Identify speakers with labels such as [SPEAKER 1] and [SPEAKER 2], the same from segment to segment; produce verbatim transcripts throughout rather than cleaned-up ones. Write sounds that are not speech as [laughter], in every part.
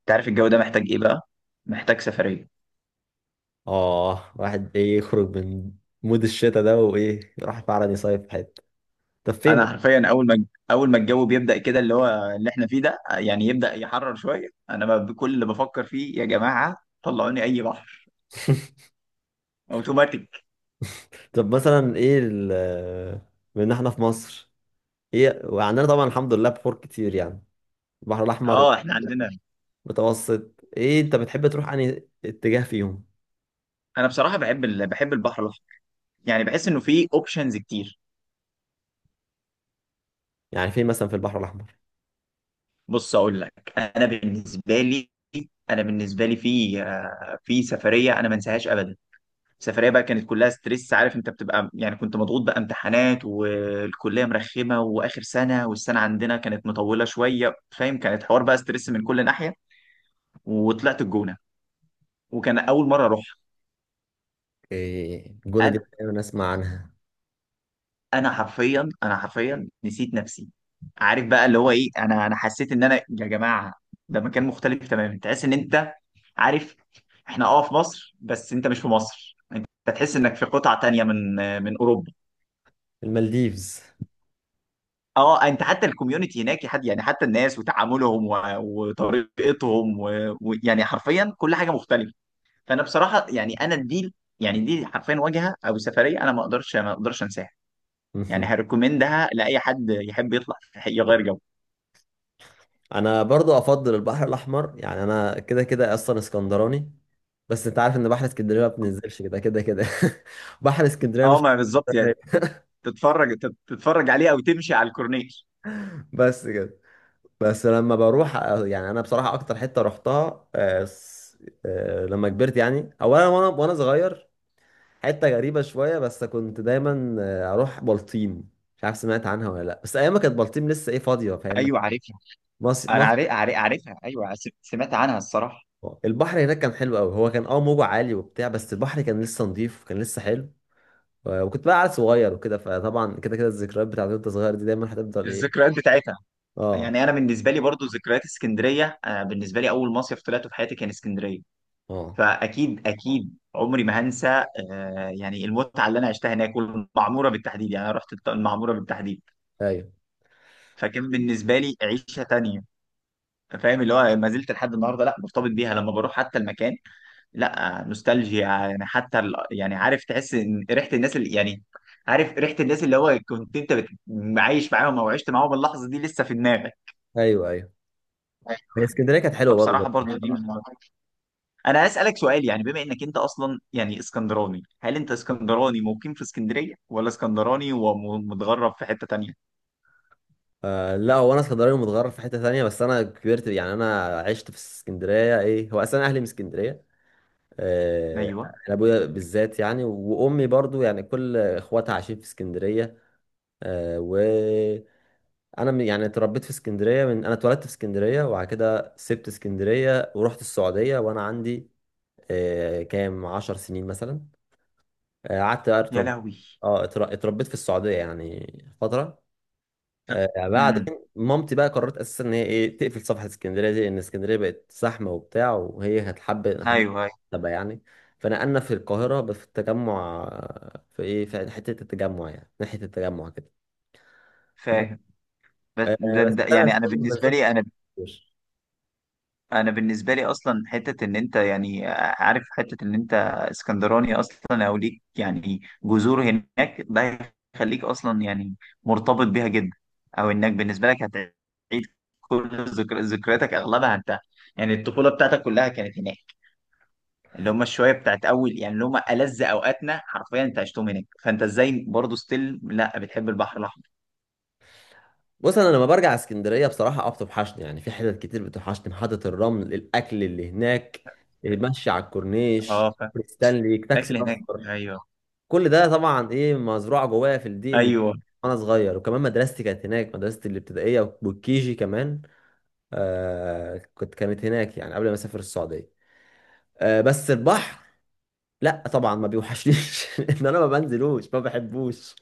[SPEAKER 1] انت عارف الجو ده محتاج ايه بقى؟ محتاج سفريه.
[SPEAKER 2] اه، واحد ايه يخرج من مود الشتاء ده وايه يروح فعلا يصيف في حته. طب
[SPEAKER 1] انا
[SPEAKER 2] فين؟
[SPEAKER 1] حرفيا اول ما اول ما الجو بيبدا كده، اللي هو اللي احنا فيه ده، يعني يبدا يحرر شويه. انا ما بكل اللي بفكر فيه يا جماعه، طلعوني اي بحر
[SPEAKER 2] [laughs]
[SPEAKER 1] اوتوماتيك.
[SPEAKER 2] طب مثلا ايه ال بما ان احنا في مصر، ايه وعندنا طبعا الحمد لله بحور كتير يعني. البحر الاحمر
[SPEAKER 1] اه احنا عندنا.
[SPEAKER 2] متوسط، ايه انت بتحب تروح انهي اتجاه فيهم؟
[SPEAKER 1] انا بصراحه بحب ال... بحب البحر الاحمر، يعني بحس انه فيه اوبشنز كتير.
[SPEAKER 2] يعني فين مثلا في البحر الاحمر؟
[SPEAKER 1] بص اقول لك، انا بالنسبه لي انا بالنسبه لي في آه، في سفريه انا ما انساهاش ابدا. السفريه بقى كانت كلها ستريس، عارف انت بتبقى، يعني كنت مضغوط بقى، امتحانات والكليه مرخمه واخر سنه والسنه عندنا كانت مطوله شويه، فاهم؟ كانت حوار بقى ستريس من كل ناحيه. وطلعت الجونه، وكان اول مره اروح.
[SPEAKER 2] إيه الجونه دي،
[SPEAKER 1] انا
[SPEAKER 2] دايما اسمع عنها.
[SPEAKER 1] انا حرفيا انا حرفيا نسيت نفسي. عارف بقى اللي هو ايه، انا انا حسيت ان انا يا جماعه ده مكان مختلف تماما. تحس ان انت، عارف، احنا اه في مصر بس انت مش في مصر. انت تحس انك في قطعه تانيه من من اوروبا.
[SPEAKER 2] المالديفز؟
[SPEAKER 1] اه انت حتى الكوميونتي هناك، حد يعني حتى الناس وتعاملهم و- وطريقتهم و- ويعني حرفيا كل حاجه مختلفه. فانا بصراحه يعني انا دي، يعني دي حرفيا واجهه او سفريه انا ما اقدرش ما اقدرش انساها. يعني
[SPEAKER 2] [laughs]
[SPEAKER 1] هريكومندها لاي حد يحب يطلع [laughs] يغير جو.
[SPEAKER 2] انا برضو افضل البحر الاحمر، يعني انا كده كده اصلا اسكندراني. بس انت عارف ان بحر اسكندريه ما بننزلش كده كده كده. [laughs] بحر اسكندريه
[SPEAKER 1] اه
[SPEAKER 2] مش…
[SPEAKER 1] ما بالظبط يعني.
[SPEAKER 2] [laughs]
[SPEAKER 1] تتفرج تت- تتفرج عليه او تمشي على الكورنيش.
[SPEAKER 2] بس كده. بس لما بروح، يعني انا بصراحه اكتر حته رحتها آه، س- آه، لما كبرت يعني اولا، وانا وانا صغير، حته غريبه شويه، بس كنت دايما آه، اروح بلطيم. مش عارف سمعت عنها ولا لا، بس ايام ما كانت بلطيم لسه ايه، فاضيه فاهم.
[SPEAKER 1] ايوه عارفها.
[SPEAKER 2] مصر
[SPEAKER 1] انا عارف
[SPEAKER 2] مصر.
[SPEAKER 1] عارف- عارفها، ايوه، س- سمعت عنها الصراحه.
[SPEAKER 2] البحر هناك كان حلو قوي، هو كان اه موجه عالي وبتاع، بس البحر كان لسه نظيف وكان لسه حلو. آه، وكنت بقى عيل صغير وكده، فطبعا كده كده الذكريات بتاعت وانت صغير دي دايما هتفضل ايه.
[SPEAKER 1] الذكريات بتاعتها،
[SPEAKER 2] اه.
[SPEAKER 1] يعني انا بالنسبه لي برضو ذكريات اسكندريه، آه، بالنسبه لي اول مصيف طلعته في حياتي كان اسكندريه.
[SPEAKER 2] اه.
[SPEAKER 1] فاكيد اكيد عمري ما هنسى. آه، يعني المتعه اللي انا عشتها هناك، والمعموره بالتحديد، يعني انا رحت الط- المعموره بالتحديد.
[SPEAKER 2] ايوه،
[SPEAKER 1] فكان بالنسبه لي عيشه تانية. فاهم اللي هو ما زلت لحد النهارده لا مرتبط بيها، لما بروح حتى المكان، لا آه، نوستالجيا، يعني حتى ال- يعني عارف، تحس ان ريحه الناس اللي يعني، عارف ريحه الناس، اللي هو كنت انت بت- عايش معاهم او عشت معاهم، اللحظه دي لسه في دماغك.
[SPEAKER 2] ايوه، ايوه. هي اسكندريه كانت حلوه برضه.
[SPEAKER 1] فبصراحه برضو دي.
[SPEAKER 2] بصراحة.
[SPEAKER 1] انا هسألك سؤال، يعني بما انك انت اصلا يعني اسكندراني، هل انت اسكندراني مقيم في اسكندرية ولا اسكندراني ومتغرب في حتة تانية؟
[SPEAKER 2] آه، لا هو انا اسكندراني متغرب في حته ثانيه، بس انا كبرت، يعني انا عشت في اسكندريه، ايه هو اصلا اهلي من اسكندريه. آه.
[SPEAKER 1] ايوه.
[SPEAKER 2] انا ابويا بالذات يعني، وامي برضو يعني كل اخواتها عايشين في اسكندريه. آه، وانا من- يعني اتربيت في اسكندريه، من انا اتولدت في اسكندريه، وبعد كده سبت اسكندريه ورحت السعوديه وانا عندي آه، كام عشر سنين مثلا. آه، قعدت بقى
[SPEAKER 1] يا
[SPEAKER 2] أترب…
[SPEAKER 1] لهوي.
[SPEAKER 2] اه اتر- اتربيت في السعودية يعني فترة. آه،
[SPEAKER 1] امم.
[SPEAKER 2] بعدين مامتي بقى قررت اساسا ان هي ايه تقفل صفحة اسكندرية دي، لان اسكندرية بقت زحمة وبتاع، وهي كانت حابة حابة
[SPEAKER 1] ايوه أيوة.
[SPEAKER 2] تبقى يعني، فنقلنا في القاهرة، بس في التجمع، آه، في ايه، في حتة التجمع يعني ناحية التجمع كده.
[SPEAKER 1] فاهم. بس-
[SPEAKER 2] آه،
[SPEAKER 1] ده-
[SPEAKER 2] بس
[SPEAKER 1] ده-
[SPEAKER 2] انا أساساً
[SPEAKER 1] يعني انا
[SPEAKER 2] ما
[SPEAKER 1] بالنسبة
[SPEAKER 2] بنزلش.
[SPEAKER 1] لي انا، انا بالنسبه لي اصلا حته ان انت يعني عارف، حته ان انت اسكندراني اصلا او ليك يعني جذور هناك، ده هيخليك اصلا يعني مرتبط بيها جدا. او انك بالنسبه لك هتعيد كل ذكر... ذكرياتك اغلبها انت، يعني الطفوله بتاعتك كلها كانت هناك، اللي هم الشويه بتاعت اول، يعني اللي هم ألذ اوقاتنا حرفيا انت عشتهم هناك. فانت ازاي برضه ستيل لا بتحب البحر الاحمر؟
[SPEAKER 2] بص، انا لما برجع اسكندريه بصراحه اه بتوحشني، يعني في حتت كتير بتوحشني: محطه الرمل، الاكل اللي هناك، المشي على الكورنيش،
[SPEAKER 1] اه
[SPEAKER 2] ستانلي، تاكسي
[SPEAKER 1] فالاكل هناك.
[SPEAKER 2] اصفر.
[SPEAKER 1] ايوه.
[SPEAKER 2] كل ده طبعا ايه مزروعه جوايا في الدين
[SPEAKER 1] ايوه.
[SPEAKER 2] وانا صغير. وكمان مدرستي كانت هناك، مدرستي الابتدائيه والكيجي كمان. آه، كنت كانت هناك يعني قبل ما اسافر السعوديه. آه، بس البحر لا طبعا ما بيوحشنيش. [laughs] ان انا ما بنزلوش، ما بحبوش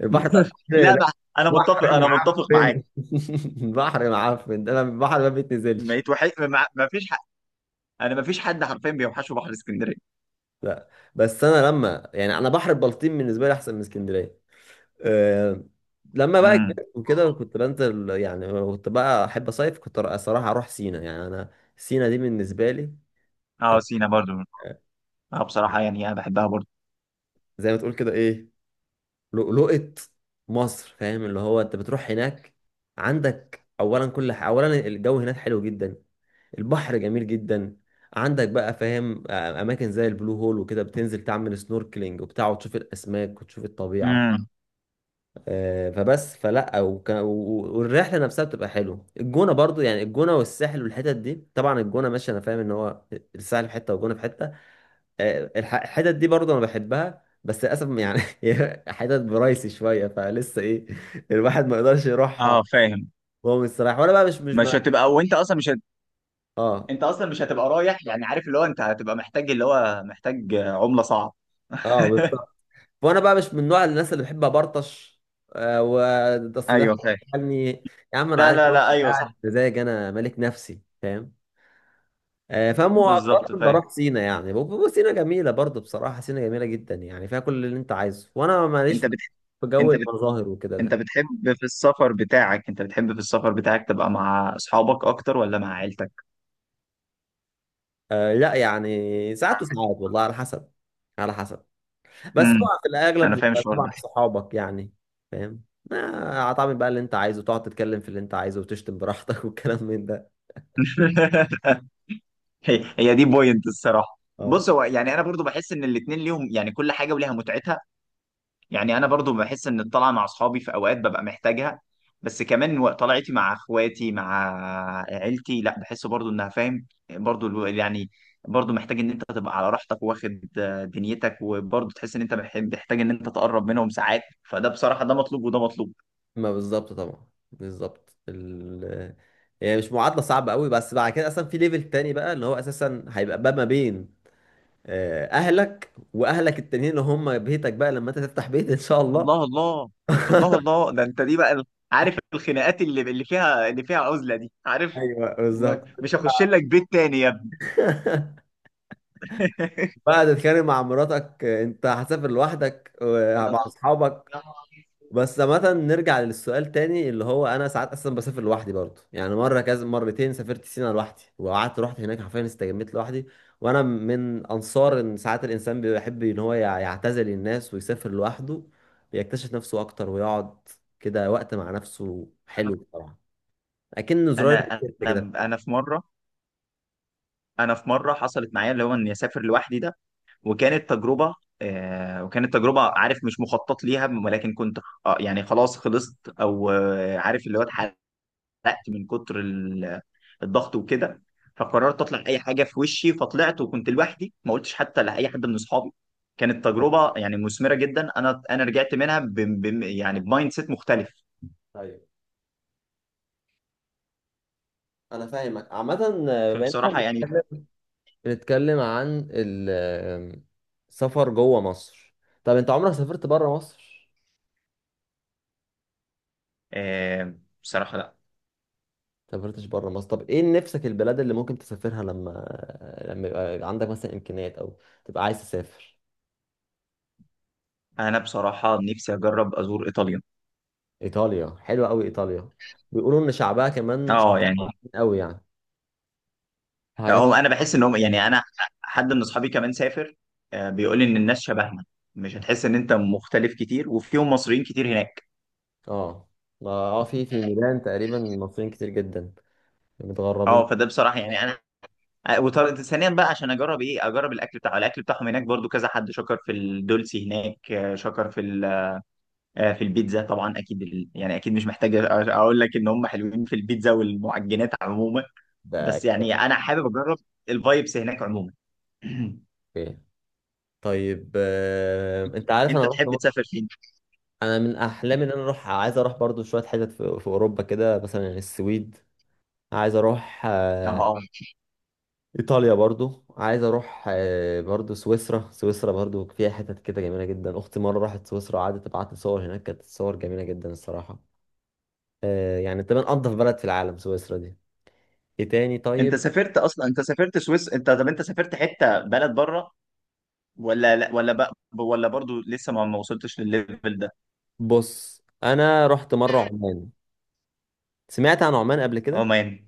[SPEAKER 2] البحر بتاع
[SPEAKER 1] [laughs]
[SPEAKER 2] اسكندريه،
[SPEAKER 1] لا
[SPEAKER 2] لا.
[SPEAKER 1] بقى. انا متفق
[SPEAKER 2] بحر
[SPEAKER 1] انا متفق
[SPEAKER 2] معفن.
[SPEAKER 1] معاك.
[SPEAKER 2] [laughs] بحر معفن، انا البحر ما بيتنزلش.
[SPEAKER 1] بقيت وحي... ما ما فيش حد، انا ما فيش حد حرفيا بيوحشه بحر اسكندريه.
[SPEAKER 2] لا. بس انا لما يعني انا بحر البلطيم بالنسبه لي احسن من اسكندريه. أه. لما بقى
[SPEAKER 1] امم.
[SPEAKER 2] كبرت وكده كنت بنزل، يعني كنت بقى احب اصيف، كنت الصراحه اروح سينا يعني. انا سينا دي بالنسبه لي
[SPEAKER 1] اه سينا برضو.
[SPEAKER 2] آه،
[SPEAKER 1] اه بصراحة يعني انا بحبها برضو.
[SPEAKER 2] زي ما تقول كده ايه، لؤلؤة مصر، فاهم اللي هو. انت بتروح هناك، عندك اولا كل ح… اولا الجو هناك حلو جدا، البحر جميل جدا، عندك بقى فاهم آه، اماكن زي البلو هول وكده، بتنزل تعمل سنوركلينج وبتاع وتشوف الاسماك وتشوف الطبيعه.
[SPEAKER 1] امم.
[SPEAKER 2] آه، فبس فلا وك... و- والرحله نفسها بتبقى حلوه. الجونه برضو، يعني الجونه والساحل والحتت دي، طبعا الجونه ماشي انا فاهم ان هو الساحل في حته والجونه في حته. آه، الح- الحتت دي برضه انا بحبها، بس للاسف يعني [laughs] هي حتت برايسي شويه، فلسه ايه الواحد ما يقدرش يروحها
[SPEAKER 1] اه فاهم.
[SPEAKER 2] وهو مستريح. وانا بقى مش مش ما…
[SPEAKER 1] مش هتبقى وانت اصلا مش هت...
[SPEAKER 2] اه.
[SPEAKER 1] انت اصلا مش هتبقى رايح، يعني عارف اللي هو انت هتبقى محتاج اللي هو محتاج عمله صعب.
[SPEAKER 2] اه
[SPEAKER 1] [laughs]
[SPEAKER 2] بالظبط. وانا بقى مش من نوع الناس اللي بحب ابرطش. آه و اصل ده
[SPEAKER 1] ايوه فاهم.
[SPEAKER 2] يعني يا عم انا
[SPEAKER 1] لا
[SPEAKER 2] عايز
[SPEAKER 1] لا
[SPEAKER 2] اروح
[SPEAKER 1] لا ايوه
[SPEAKER 2] قاعد
[SPEAKER 1] صح.
[SPEAKER 2] مزاج، انا ملك نفسي فاهم. آه، فمؤخرا
[SPEAKER 1] بالظبط فاهم.
[SPEAKER 2] بروح سينا يعني، ب- ب- سينا جميله برضه بصراحه، سينا جميله جدا يعني، فيها كل اللي انت عايزه، وانا ماليش
[SPEAKER 1] انت
[SPEAKER 2] في
[SPEAKER 1] بتح...
[SPEAKER 2] جو
[SPEAKER 1] انت بت...
[SPEAKER 2] المظاهر وكده.
[SPEAKER 1] انت بتحب في السفر بتاعك، انت بتحب في السفر بتاعك تبقى مع اصحابك اكتر ولا مع عيلتك؟
[SPEAKER 2] آه لا يعني ساعات وساعات، والله على حسب، على حسب. بس
[SPEAKER 1] امم.
[SPEAKER 2] طبعا في الاغلب
[SPEAKER 1] انا فاهم
[SPEAKER 2] بتبقى
[SPEAKER 1] الشعور.
[SPEAKER 2] طبعا صحابك يعني، فاهم. آه، هتعمل بقى اللي انت عايزه، تقعد تتكلم في اللي انت عايزه، وتشتم براحتك. [laughs] والكلام من ده.
[SPEAKER 1] ده [laughs] هي هي دي بوينت الصراحه.
[SPEAKER 2] اه
[SPEAKER 1] بص هو يعني انا برضو بحس ان الاتنين ليهم، يعني كل حاجه وليها متعتها. يعني انا برضو بحس ان الطلعه مع اصحابي في اوقات ببقى محتاجها، بس كمان و- طلعتي مع اخواتي مع عيلتي، لا بحس برضو انها فاهم برضو الو- يعني برضو محتاج ان انت تبقى على راحتك واخد آه، دنيتك، وبرضو تحس ان انت بح- محتاج ان انت تقرب منهم ساعات. فده بصراحه ده مطلوب وده مطلوب.
[SPEAKER 2] ما بالظبط طبعا. بالظبط ال… يعني مش معادله صعبه قوي. بس بعد كده اصلا في ليفل تاني بقى، اللي هو اساسا هيبقى بقى ما بين آه، اهلك واهلك التانيين اللي هم بيتك بقى، لما انت تفتح بيت ان شاء الله.
[SPEAKER 1] الله الله. الله
[SPEAKER 2] [laughs]
[SPEAKER 1] الله. ده انت دي بقى ال- عارف الخناقات اللي اللي فيها، اللي فيها عزله دي، عارف.
[SPEAKER 2] ايوه بالظبط.
[SPEAKER 1] ما- مش هخش لك بيت تاني يا ابني.
[SPEAKER 2] [laughs]
[SPEAKER 1] [laughs]
[SPEAKER 2] بعد تتخانق مع مراتك انت هتسافر لوحدك
[SPEAKER 1] يا
[SPEAKER 2] ومع
[SPEAKER 1] نهار،
[SPEAKER 2] اصحابك.
[SPEAKER 1] يا نهار أبيض.
[SPEAKER 2] بس مثلا نرجع للسؤال تاني، اللي هو انا ساعات اصلا بسافر لوحدي برضه، يعني مره كذا، مرتين سافرت سينا لوحدي وقعدت رحت هناك حرفيا استجميت لوحدي. وانا من انصار ان ساعات الانسان بيحب ان هو يع- يعتزل الناس ويسافر لوحده، بيكتشف نفسه اكتر، ويقعد كده وقت مع نفسه حلو بصراحه، اكن زرار
[SPEAKER 1] انا
[SPEAKER 2] الريسيت كده
[SPEAKER 1] انا انا
[SPEAKER 2] بتاعه.
[SPEAKER 1] في مره، انا في مره حصلت معايا اللي هو اني اسافر لوحدي ده، وكانت تجربه. آه وكانت تجربه، عارف مش مخطط ليها، ولكن كنت، آه يعني خلاص خلصت او آه عارف اللي هو اتحرقت من كتر ال- الضغط وكده، فقررت اطلع اي حاجه في وشي فطلعت، وكنت لوحدي ما قلتش حتى لاي حد من اصحابي. كانت تجربه يعني مثمره جدا، انا انا رجعت منها ب ب يعني بمايند سيت مختلف.
[SPEAKER 2] طيب، انا فاهمك عامه. بما
[SPEAKER 1] فبصراحة يعني.
[SPEAKER 2] إننا بنتكلم عن ال- السفر جوه مصر، طب انت عمرك سافرت بره مصر؟
[SPEAKER 1] آه بصراحة لا.
[SPEAKER 2] سافرتش بره مصر، طب ايه نفسك البلاد اللي ممكن تسافرها، لما لما يبقى عندك مثلا امكانيات او تبقى عايز تسافر؟
[SPEAKER 1] أنا بصراحة نفسي أجرب أزور إيطاليا.
[SPEAKER 2] ايطاليا حلوه قوي ايطاليا، بيقولوا ان شعبها كمان
[SPEAKER 1] أه
[SPEAKER 2] شاطرين
[SPEAKER 1] يعني،
[SPEAKER 2] قوي يعني، في حاجات.
[SPEAKER 1] أو أنا بحس إن هم يعني أنا، حد من أصحابي كمان سافر، آه بيقول لي إن الناس شبهنا، مش هتحس إن أنت مختلف كتير، وفيهم مصريين كتير هناك.
[SPEAKER 2] اه، ما- اه في في ميلان تقريبا مصريين كتير جدا متغربين
[SPEAKER 1] أه فده بصراحة يعني أنا، آه، وطر- ثانيا بقى عشان أجرب إيه، أجرب الأكل بتاعه، الأكل بتاعهم هناك، برضو كذا حد شكر في الدولسي هناك، آه، شكر في ال- آه، في البيتزا طبعا، أكيد ال- يعني أكيد مش محتاج أقول لك إن هم حلوين في البيتزا والمعجنات عموما. بس
[SPEAKER 2] بقى.
[SPEAKER 1] يعني انا حابب اجرب الفايبس هناك عموما. [clears throat]
[SPEAKER 2] اوكي. طيب، آه، انت عارف انا
[SPEAKER 1] انت
[SPEAKER 2] رحت…
[SPEAKER 1] تحب تسافر فين؟
[SPEAKER 2] انا من احلامي ان انا اروح، عايز اروح برضو شويه حتت في, في اوروبا كده، مثلا السويد، عايز اروح آه،
[SPEAKER 1] اه
[SPEAKER 2] ايطاليا برضو، عايز اروح آه، برضو سويسرا. سويسرا برضو فيها حتت كده جميله جدا. اختي مره راحت سويسرا وقعدت تبعت لي صور، هناك كانت الصور جميله جدا الصراحه. آه، يعني تمام انضف بلد في العالم سويسرا دي. ايه تاني
[SPEAKER 1] انت
[SPEAKER 2] طيب؟
[SPEAKER 1] سافرت اصلا، انت سافرت سويس انت طب انت سافرت حته بلد بره ولا لا ولا بقى، ولا برضو لسه ما ما وصلتش للليفل ده؟
[SPEAKER 2] بص انا رحت مره عمان. سمعت عن عمان قبل كده؟
[SPEAKER 1] عمان.